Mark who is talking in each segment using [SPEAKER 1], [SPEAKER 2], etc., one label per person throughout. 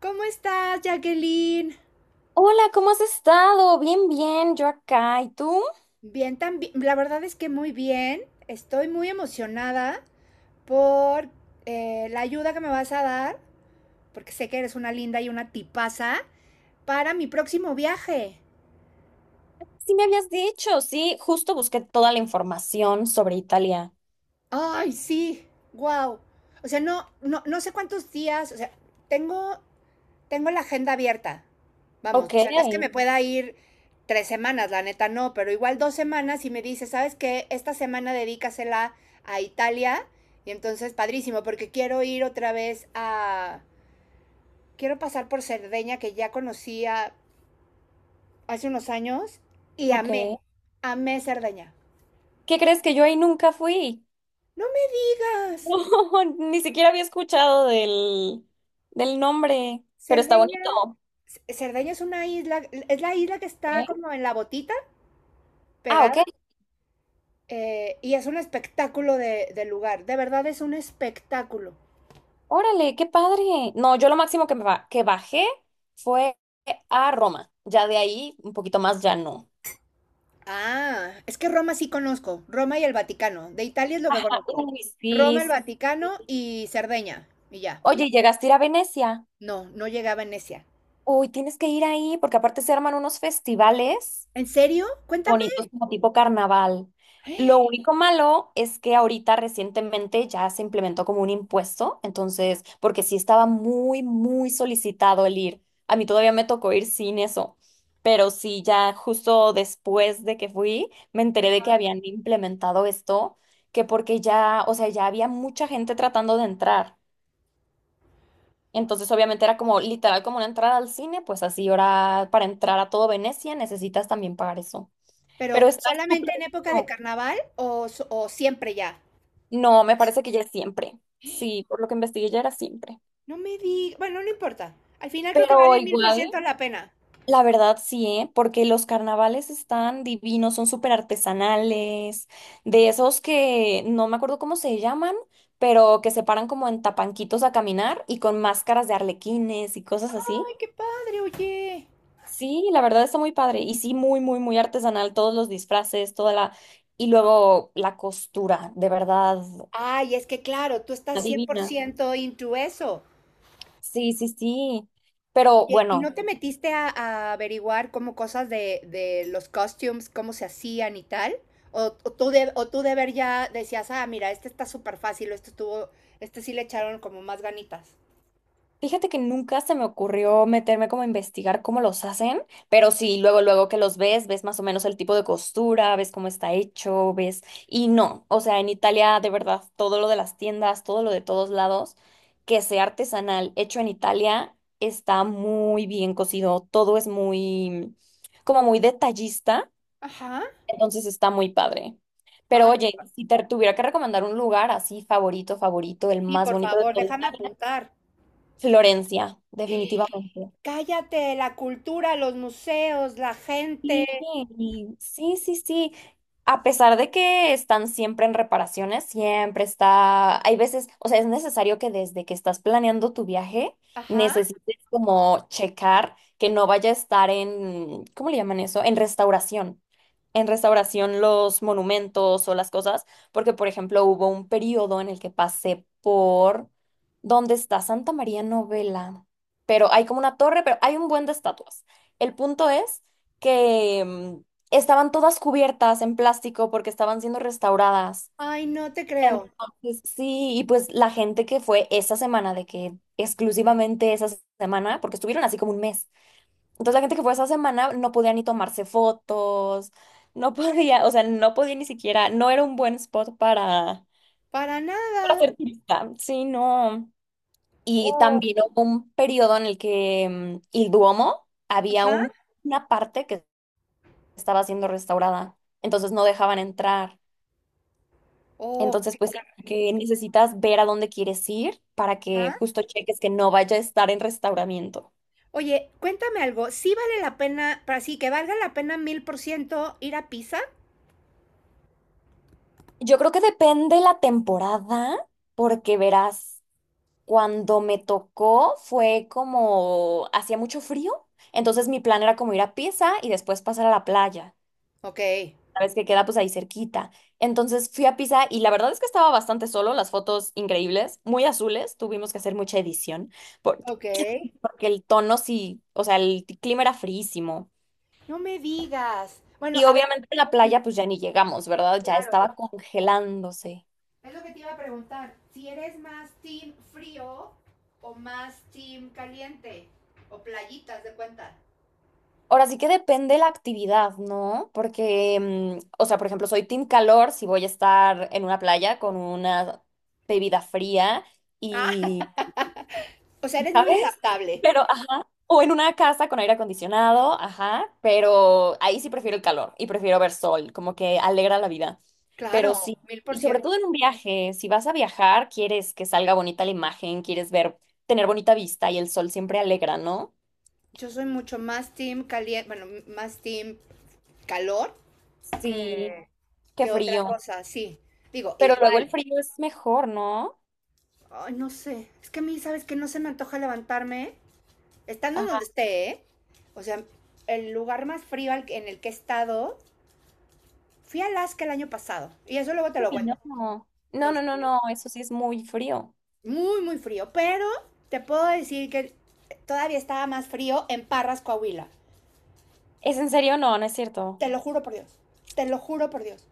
[SPEAKER 1] ¿Cómo estás, Jacqueline?
[SPEAKER 2] Hola, ¿cómo has estado? Bien, yo acá. ¿Y tú?
[SPEAKER 1] Bien, también. La verdad es que muy bien. Estoy muy emocionada por la ayuda que me vas a dar, porque sé que eres una linda y una tipaza, para mi próximo viaje.
[SPEAKER 2] Sí me habías dicho, sí, justo busqué toda la información sobre Italia.
[SPEAKER 1] Ay, sí, wow. O sea, no, no, no sé cuántos días. O sea, tengo tengo la agenda abierta. Vamos,
[SPEAKER 2] Ok,
[SPEAKER 1] o sea, no es que me pueda ir tres semanas, la neta no, pero igual dos semanas y me dice, ¿sabes qué? Esta semana dedícasela a Italia y entonces padrísimo, porque quiero ir otra vez a... Quiero pasar por Cerdeña, que ya conocía hace unos años, y amé,
[SPEAKER 2] ok.
[SPEAKER 1] amé Cerdeña.
[SPEAKER 2] ¿Qué crees que yo ahí nunca fui?
[SPEAKER 1] No me digas.
[SPEAKER 2] No, ni siquiera había escuchado del nombre, pero está
[SPEAKER 1] Cerdeña,
[SPEAKER 2] bonito.
[SPEAKER 1] Cerdeña es una isla, es la isla que está
[SPEAKER 2] ¿Eh?
[SPEAKER 1] como en la botita,
[SPEAKER 2] Ah, ok.
[SPEAKER 1] pegada. Y es un espectáculo de lugar. De verdad es un espectáculo.
[SPEAKER 2] Órale, qué padre. No, yo lo máximo que, que bajé fue a Roma. Ya de ahí, un poquito más, ya no.
[SPEAKER 1] Ah, es que Roma sí conozco. Roma y el Vaticano. De Italia es lo que
[SPEAKER 2] Ajá,
[SPEAKER 1] conozco.
[SPEAKER 2] uy, sí,
[SPEAKER 1] Roma, el
[SPEAKER 2] sí.
[SPEAKER 1] Vaticano y Cerdeña. Y ya.
[SPEAKER 2] Oye, ¿llegaste a ir a Venecia?
[SPEAKER 1] No, no llegué a Venecia.
[SPEAKER 2] Uy, tienes que ir ahí porque aparte se arman unos festivales
[SPEAKER 1] ¿En serio? Cuéntame.
[SPEAKER 2] bonitos como tipo carnaval. Lo único malo es que ahorita recientemente ya se implementó como un impuesto, entonces, porque sí estaba muy solicitado el ir. A mí todavía me tocó ir sin eso, pero sí, ya justo después de que fui, me enteré de que habían implementado esto, que porque ya, o sea, ya había mucha gente tratando de entrar. Entonces, obviamente era como literal como una entrada al cine, pues así ahora para entrar a todo Venecia necesitas también pagar eso. Pero
[SPEAKER 1] Pero
[SPEAKER 2] está súper
[SPEAKER 1] solamente en época de
[SPEAKER 2] bueno.
[SPEAKER 1] carnaval o, o siempre ya.
[SPEAKER 2] No, me parece que ya es siempre. Sí, por lo que investigué ya era siempre.
[SPEAKER 1] No me di. Bueno, no importa. Al final creo que
[SPEAKER 2] Pero
[SPEAKER 1] vale mil por
[SPEAKER 2] igual,
[SPEAKER 1] ciento la pena.
[SPEAKER 2] la verdad sí, ¿eh? Porque los carnavales están divinos, son súper artesanales, de esos que no me acuerdo cómo se llaman, pero que se paran como en tapanquitos a caminar y con máscaras de arlequines y cosas así.
[SPEAKER 1] Ay, qué padre, oye.
[SPEAKER 2] Sí, la verdad está muy padre. Y sí, muy artesanal. Todos los disfraces, toda la... Y luego la costura, de verdad,
[SPEAKER 1] Ay, es que claro, tú estás
[SPEAKER 2] adivina.
[SPEAKER 1] 100% into eso.
[SPEAKER 2] Sí, sí, sí. Pero
[SPEAKER 1] Oye, ¿y no
[SPEAKER 2] bueno,
[SPEAKER 1] te metiste a averiguar como cosas de los costumes, cómo se hacían y tal? O, o tú de ver ya decías, ah, mira, este está súper fácil, o este estuvo, este sí le echaron como más ganitas.
[SPEAKER 2] fíjate que nunca se me ocurrió meterme como a investigar cómo los hacen, pero sí, luego que los ves, ves más o menos el tipo de costura, ves cómo está hecho, ves... Y no, o sea, en Italia de verdad, todo lo de las tiendas, todo lo de todos lados, que sea artesanal, hecho en Italia, está muy bien cocido, todo es muy, como muy detallista,
[SPEAKER 1] Ajá.
[SPEAKER 2] entonces está muy padre. Pero
[SPEAKER 1] Ah, qué
[SPEAKER 2] oye,
[SPEAKER 1] pa-
[SPEAKER 2] si te tuviera que recomendar un lugar así favorito, el
[SPEAKER 1] Sí,
[SPEAKER 2] más
[SPEAKER 1] por
[SPEAKER 2] bonito de
[SPEAKER 1] favor,
[SPEAKER 2] todo
[SPEAKER 1] déjame
[SPEAKER 2] Italia,
[SPEAKER 1] apuntar.
[SPEAKER 2] Florencia, definitivamente.
[SPEAKER 1] Cállate, la cultura, los museos, la gente.
[SPEAKER 2] Sí, sí, sí, sí. A pesar de que están siempre en reparaciones, siempre está, hay veces, o sea, es necesario que desde que estás planeando tu viaje,
[SPEAKER 1] Ajá.
[SPEAKER 2] necesites como checar que no vaya a estar en, ¿cómo le llaman eso? En restauración los monumentos o las cosas, porque por ejemplo hubo un periodo en el que pasé por donde está Santa María Novela, pero hay como una torre, pero hay un buen de estatuas. El punto es que estaban todas cubiertas en plástico porque estaban siendo restauradas.
[SPEAKER 1] Ay, no te creo.
[SPEAKER 2] Entonces, sí, y pues la gente que fue esa semana, de que exclusivamente esa semana, porque estuvieron así como un mes. Entonces la gente que fue esa semana no podía ni tomarse fotos, no podía, o sea, no podía ni siquiera, no era un buen spot
[SPEAKER 1] Para
[SPEAKER 2] para
[SPEAKER 1] nada.
[SPEAKER 2] ser turista. Sí, no. Y
[SPEAKER 1] Oh,
[SPEAKER 2] también hubo un periodo en el que el Duomo había
[SPEAKER 1] ajá.
[SPEAKER 2] un- una parte que estaba siendo restaurada, entonces no dejaban entrar.
[SPEAKER 1] Oh,
[SPEAKER 2] Entonces,
[SPEAKER 1] qué
[SPEAKER 2] pues sí, que necesitas ver a dónde quieres ir para que
[SPEAKER 1] carajo.
[SPEAKER 2] justo cheques que no vaya a estar en restauramiento.
[SPEAKER 1] Oye, cuéntame algo, ¿sí vale la pena, para sí que valga la pena mil por ciento ir a Pisa?
[SPEAKER 2] Yo creo que depende la temporada, porque verás. Cuando me tocó fue como hacía mucho frío, entonces mi plan era como ir a Pisa y después pasar a la playa.
[SPEAKER 1] Ok,
[SPEAKER 2] Sabes que queda pues ahí cerquita. Entonces fui a Pisa y la verdad es que estaba bastante solo, las fotos increíbles, muy azules, tuvimos que hacer mucha edición porque,
[SPEAKER 1] ok.
[SPEAKER 2] porque el tono sí, o sea, clima era fríísimo.
[SPEAKER 1] No me digas. Bueno,
[SPEAKER 2] Y
[SPEAKER 1] a ver,
[SPEAKER 2] obviamente en la
[SPEAKER 1] mm,
[SPEAKER 2] playa pues ya ni llegamos, ¿verdad? Ya
[SPEAKER 1] claro.
[SPEAKER 2] estaba congelándose.
[SPEAKER 1] Es lo que te iba a preguntar, si eres más team frío o más team caliente o playitas de cuenta.
[SPEAKER 2] Ahora sí que depende la actividad, ¿no? Porque, o sea, por ejemplo, soy team calor si voy a estar en una playa con una bebida fría
[SPEAKER 1] Ah,
[SPEAKER 2] y,
[SPEAKER 1] o sea, eres muy
[SPEAKER 2] ¿sabes?
[SPEAKER 1] adaptable.
[SPEAKER 2] Pero, ajá, o en una casa con aire acondicionado, ajá, pero ahí sí prefiero el calor y prefiero ver sol, como que alegra la vida.
[SPEAKER 1] Claro,
[SPEAKER 2] Pero sí,
[SPEAKER 1] mil por
[SPEAKER 2] y sobre
[SPEAKER 1] ciento.
[SPEAKER 2] todo en un viaje, si vas a viajar, quieres que salga bonita la imagen, quieres ver, tener bonita vista y el sol siempre alegra, ¿no?
[SPEAKER 1] Yo soy mucho más team caliente, bueno, más team calor
[SPEAKER 2] Sí,
[SPEAKER 1] que,
[SPEAKER 2] qué
[SPEAKER 1] que otra
[SPEAKER 2] frío.
[SPEAKER 1] cosa, sí. Digo,
[SPEAKER 2] Pero luego el
[SPEAKER 1] igual,
[SPEAKER 2] frío es mejor, ¿no?
[SPEAKER 1] ay, no sé. Es que a mí, ¿sabes que no se me antoja levantarme? ¿Eh? Estando en donde
[SPEAKER 2] Ah,
[SPEAKER 1] esté, ¿eh? O sea, el lugar más frío en el que he estado, fui a Alaska el año pasado. Y eso luego te lo
[SPEAKER 2] uy,
[SPEAKER 1] cuento.
[SPEAKER 2] no. No, no, no,
[SPEAKER 1] Este,
[SPEAKER 2] no, eso sí es muy frío.
[SPEAKER 1] muy, muy frío. Pero te puedo decir que todavía estaba más frío en Parras, Coahuila.
[SPEAKER 2] ¿Es en serio? No, no es cierto.
[SPEAKER 1] Te lo juro por Dios. Te lo juro por Dios.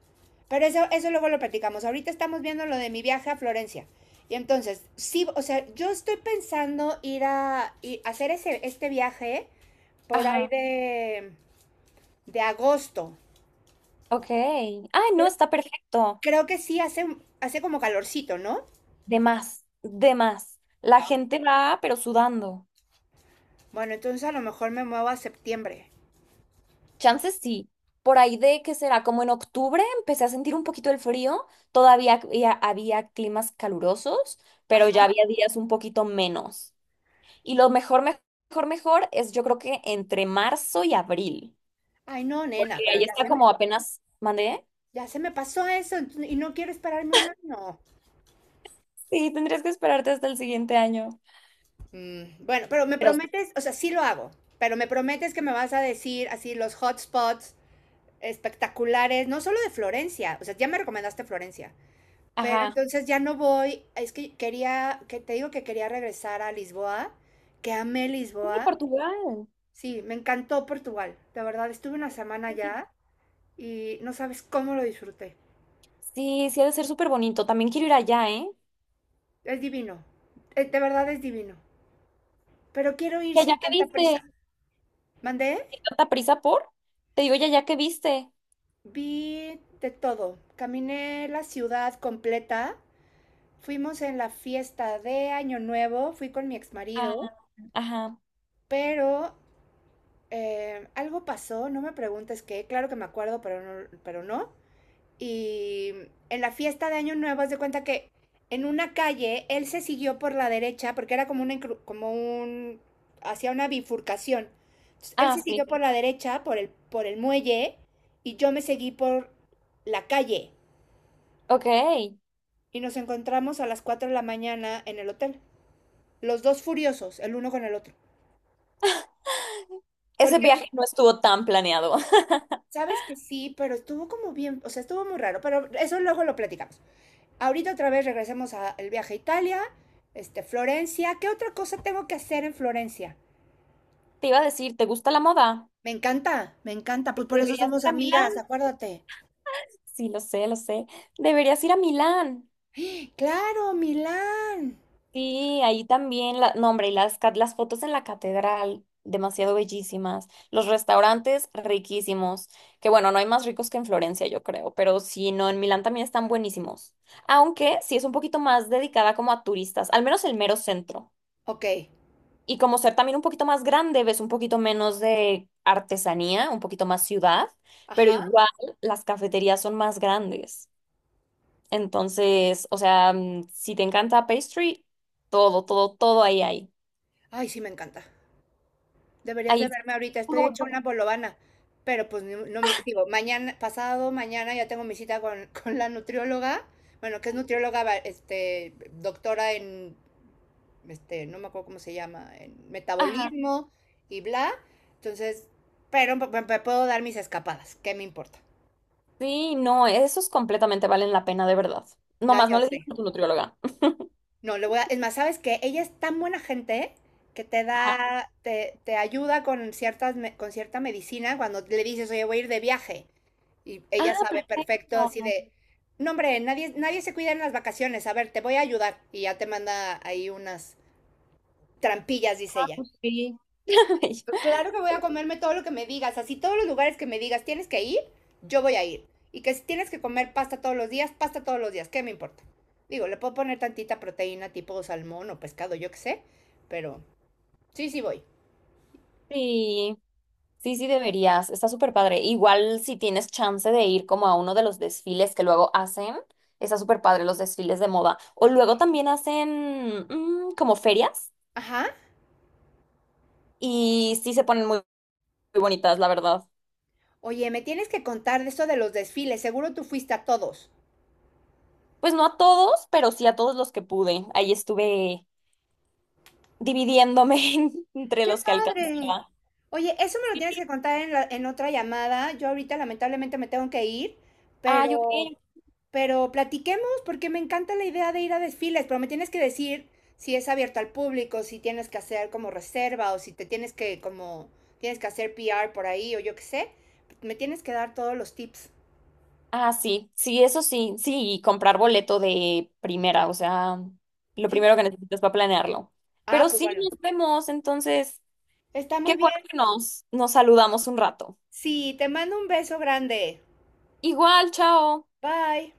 [SPEAKER 1] Pero eso luego lo platicamos. Ahorita estamos viendo lo de mi viaje a Florencia. Y entonces, sí, o sea, yo estoy pensando ir ir a hacer ese, este viaje por ahí
[SPEAKER 2] Ajá,
[SPEAKER 1] de agosto.
[SPEAKER 2] ok. Ay, no,
[SPEAKER 1] Pero
[SPEAKER 2] está perfecto.
[SPEAKER 1] creo que sí hace, hace como calorcito, ¿no?
[SPEAKER 2] De más, de más. La
[SPEAKER 1] Ah,
[SPEAKER 2] gente va, pero sudando.
[SPEAKER 1] bueno, entonces a lo mejor me muevo a septiembre.
[SPEAKER 2] Chances sí. Por ahí de que será como en octubre empecé a sentir un poquito el frío. Todavía había climas calurosos, pero ya
[SPEAKER 1] Ajá.
[SPEAKER 2] había días un poquito menos. Y lo mejor es yo creo que entre marzo y abril.
[SPEAKER 1] Ay, no, nena,
[SPEAKER 2] Porque ahí está como apenas mandé,
[SPEAKER 1] ya se me pasó eso y no quiero esperarme un año.
[SPEAKER 2] sí, tendrías que esperarte hasta el siguiente año.
[SPEAKER 1] Mm, bueno, pero me
[SPEAKER 2] Pero
[SPEAKER 1] prometes, o sea, sí lo hago, pero me prometes que me vas a decir así los hotspots espectaculares, no solo de Florencia. O sea, ya me recomendaste Florencia, pero
[SPEAKER 2] ajá.
[SPEAKER 1] entonces ya no voy. Es que quería, que te digo que quería regresar a Lisboa, que amé
[SPEAKER 2] ¡Ay,
[SPEAKER 1] Lisboa.
[SPEAKER 2] Portugal!
[SPEAKER 1] Sí, me encantó Portugal, de verdad, estuve una semana
[SPEAKER 2] Sí,
[SPEAKER 1] allá y no sabes cómo lo disfruté.
[SPEAKER 2] sí ha de ser súper bonito. También quiero ir allá, ¿eh?
[SPEAKER 1] Es divino, de verdad es divino. Pero quiero ir
[SPEAKER 2] ¿Y
[SPEAKER 1] sin
[SPEAKER 2] allá que
[SPEAKER 1] tanta
[SPEAKER 2] viste?
[SPEAKER 1] prisa.
[SPEAKER 2] ¿Hay
[SPEAKER 1] Mandé,
[SPEAKER 2] tanta prisa por? Te digo, ¿y allá que viste?
[SPEAKER 1] vi de todo, caminé la ciudad completa, fuimos en la fiesta de Año Nuevo, fui con mi
[SPEAKER 2] Ah,
[SPEAKER 1] exmarido,
[SPEAKER 2] ajá.
[SPEAKER 1] pero algo pasó, no me preguntes qué, claro que me acuerdo, pero no, pero no. Y en la fiesta de Año Nuevo, haz de cuenta que en una calle él se siguió por la derecha porque era como, una, como un, hacía una bifurcación. Entonces, él
[SPEAKER 2] Ah,
[SPEAKER 1] se siguió
[SPEAKER 2] sí.
[SPEAKER 1] por la derecha, por por el muelle, y yo me seguí por la calle.
[SPEAKER 2] Ok.
[SPEAKER 1] Y nos encontramos a las 4 de la mañana en el hotel. Los dos furiosos, el uno con el otro.
[SPEAKER 2] Ese
[SPEAKER 1] Porque
[SPEAKER 2] viaje no estuvo tan planeado.
[SPEAKER 1] sabes que sí, pero estuvo como bien, o sea, estuvo muy raro, pero eso luego lo platicamos. Ahorita otra vez regresemos al viaje a Italia, este, Florencia. ¿Qué otra cosa tengo que hacer en Florencia?
[SPEAKER 2] Te iba a decir, ¿te gusta la moda?
[SPEAKER 1] Me encanta, pues por eso
[SPEAKER 2] Deberías
[SPEAKER 1] somos
[SPEAKER 2] ir a Milán.
[SPEAKER 1] amigas, acuérdate.
[SPEAKER 2] Sí, lo sé. Deberías ir a Milán.
[SPEAKER 1] Claro, Milán.
[SPEAKER 2] Sí, ahí también, la, no, hombre, y las, las fotos en la catedral, demasiado bellísimas. Los restaurantes, riquísimos. Que bueno, no hay más ricos que en Florencia, yo creo, pero sí, no, en Milán también están buenísimos. Aunque sí es un poquito más dedicada como a turistas, al menos el mero centro.
[SPEAKER 1] Ok,
[SPEAKER 2] Y como ser también un poquito más grande, ves un poquito menos de artesanía, un poquito más ciudad, pero
[SPEAKER 1] ajá.
[SPEAKER 2] igual las cafeterías son más grandes. Entonces, o sea, si te encanta pastry, todo ahí hay.
[SPEAKER 1] Ay, sí, me encanta. Deberías de
[SPEAKER 2] Ahí sí.
[SPEAKER 1] verme ahorita, estoy hecha
[SPEAKER 2] Luego
[SPEAKER 1] una bolovana, pero pues no, no me, digo, mañana, pasado mañana ya tengo mi cita con, con la nutrióloga, bueno, que es nutrióloga, este, doctora en, este, no me acuerdo cómo se llama, en
[SPEAKER 2] ajá.
[SPEAKER 1] metabolismo y bla, entonces, me puedo dar mis escapadas, ¿qué me importa?
[SPEAKER 2] Sí, no, esos completamente valen la pena, de verdad.
[SPEAKER 1] No,
[SPEAKER 2] Nomás no
[SPEAKER 1] ya
[SPEAKER 2] le digas
[SPEAKER 1] sé.
[SPEAKER 2] a tu nutrióloga.
[SPEAKER 1] No, le voy a... Es más, ¿sabes qué? Ella es tan buena gente que
[SPEAKER 2] Ajá.
[SPEAKER 1] te ayuda con con cierta medicina cuando le dices, oye, voy a ir de viaje. Y
[SPEAKER 2] Ah,
[SPEAKER 1] ella sabe perfecto, así
[SPEAKER 2] perfecto.
[SPEAKER 1] de, no, hombre, nadie, nadie se cuida en las vacaciones. A ver, te voy a ayudar. Y ya te manda ahí unas trampillas, dice
[SPEAKER 2] Ah,
[SPEAKER 1] ella.
[SPEAKER 2] pues sí.
[SPEAKER 1] Claro que voy a comerme todo lo que me digas, así todos los lugares que me digas tienes que ir, yo voy a ir. Y que si tienes que comer pasta todos los días, pasta todos los días, ¿qué me importa? Digo, le puedo poner tantita proteína tipo salmón o pescado, yo qué sé, pero sí, sí voy.
[SPEAKER 2] Sí, sí deberías. Está súper padre. Igual si tienes chance de ir como a uno de los desfiles que luego hacen, está súper padre los desfiles de moda. O luego también hacen como ferias
[SPEAKER 1] Ajá.
[SPEAKER 2] y sí se ponen muy bonitas, la verdad.
[SPEAKER 1] Oye, me tienes que contar de eso de los desfiles, seguro tú fuiste a todos.
[SPEAKER 2] Pues no a todos, pero sí a todos los que pude. Ahí estuve dividiéndome entre
[SPEAKER 1] ¡Qué
[SPEAKER 2] los que
[SPEAKER 1] padre!
[SPEAKER 2] alcancía.
[SPEAKER 1] Oye, eso me lo tienes que contar en en otra llamada. Yo ahorita lamentablemente me tengo que ir,
[SPEAKER 2] Ay, ok.
[SPEAKER 1] pero, pero platiquemos porque me encanta la idea de ir a desfiles, pero me tienes que decir si es abierto al público, si tienes que hacer como reserva o si te tienes que como tienes que hacer PR por ahí o yo qué sé. Me tienes que dar todos los tips.
[SPEAKER 2] Ah, sí, eso sí, y comprar boleto de primera, o sea, lo
[SPEAKER 1] Sí,
[SPEAKER 2] primero
[SPEAKER 1] porque...
[SPEAKER 2] que necesitas para planearlo.
[SPEAKER 1] Ah,
[SPEAKER 2] Pero
[SPEAKER 1] pues
[SPEAKER 2] sí,
[SPEAKER 1] bueno.
[SPEAKER 2] nos vemos, entonces,
[SPEAKER 1] Está
[SPEAKER 2] qué
[SPEAKER 1] muy bien.
[SPEAKER 2] bueno que nos saludamos un rato.
[SPEAKER 1] Sí, te mando un beso grande.
[SPEAKER 2] Igual, chao.
[SPEAKER 1] Bye.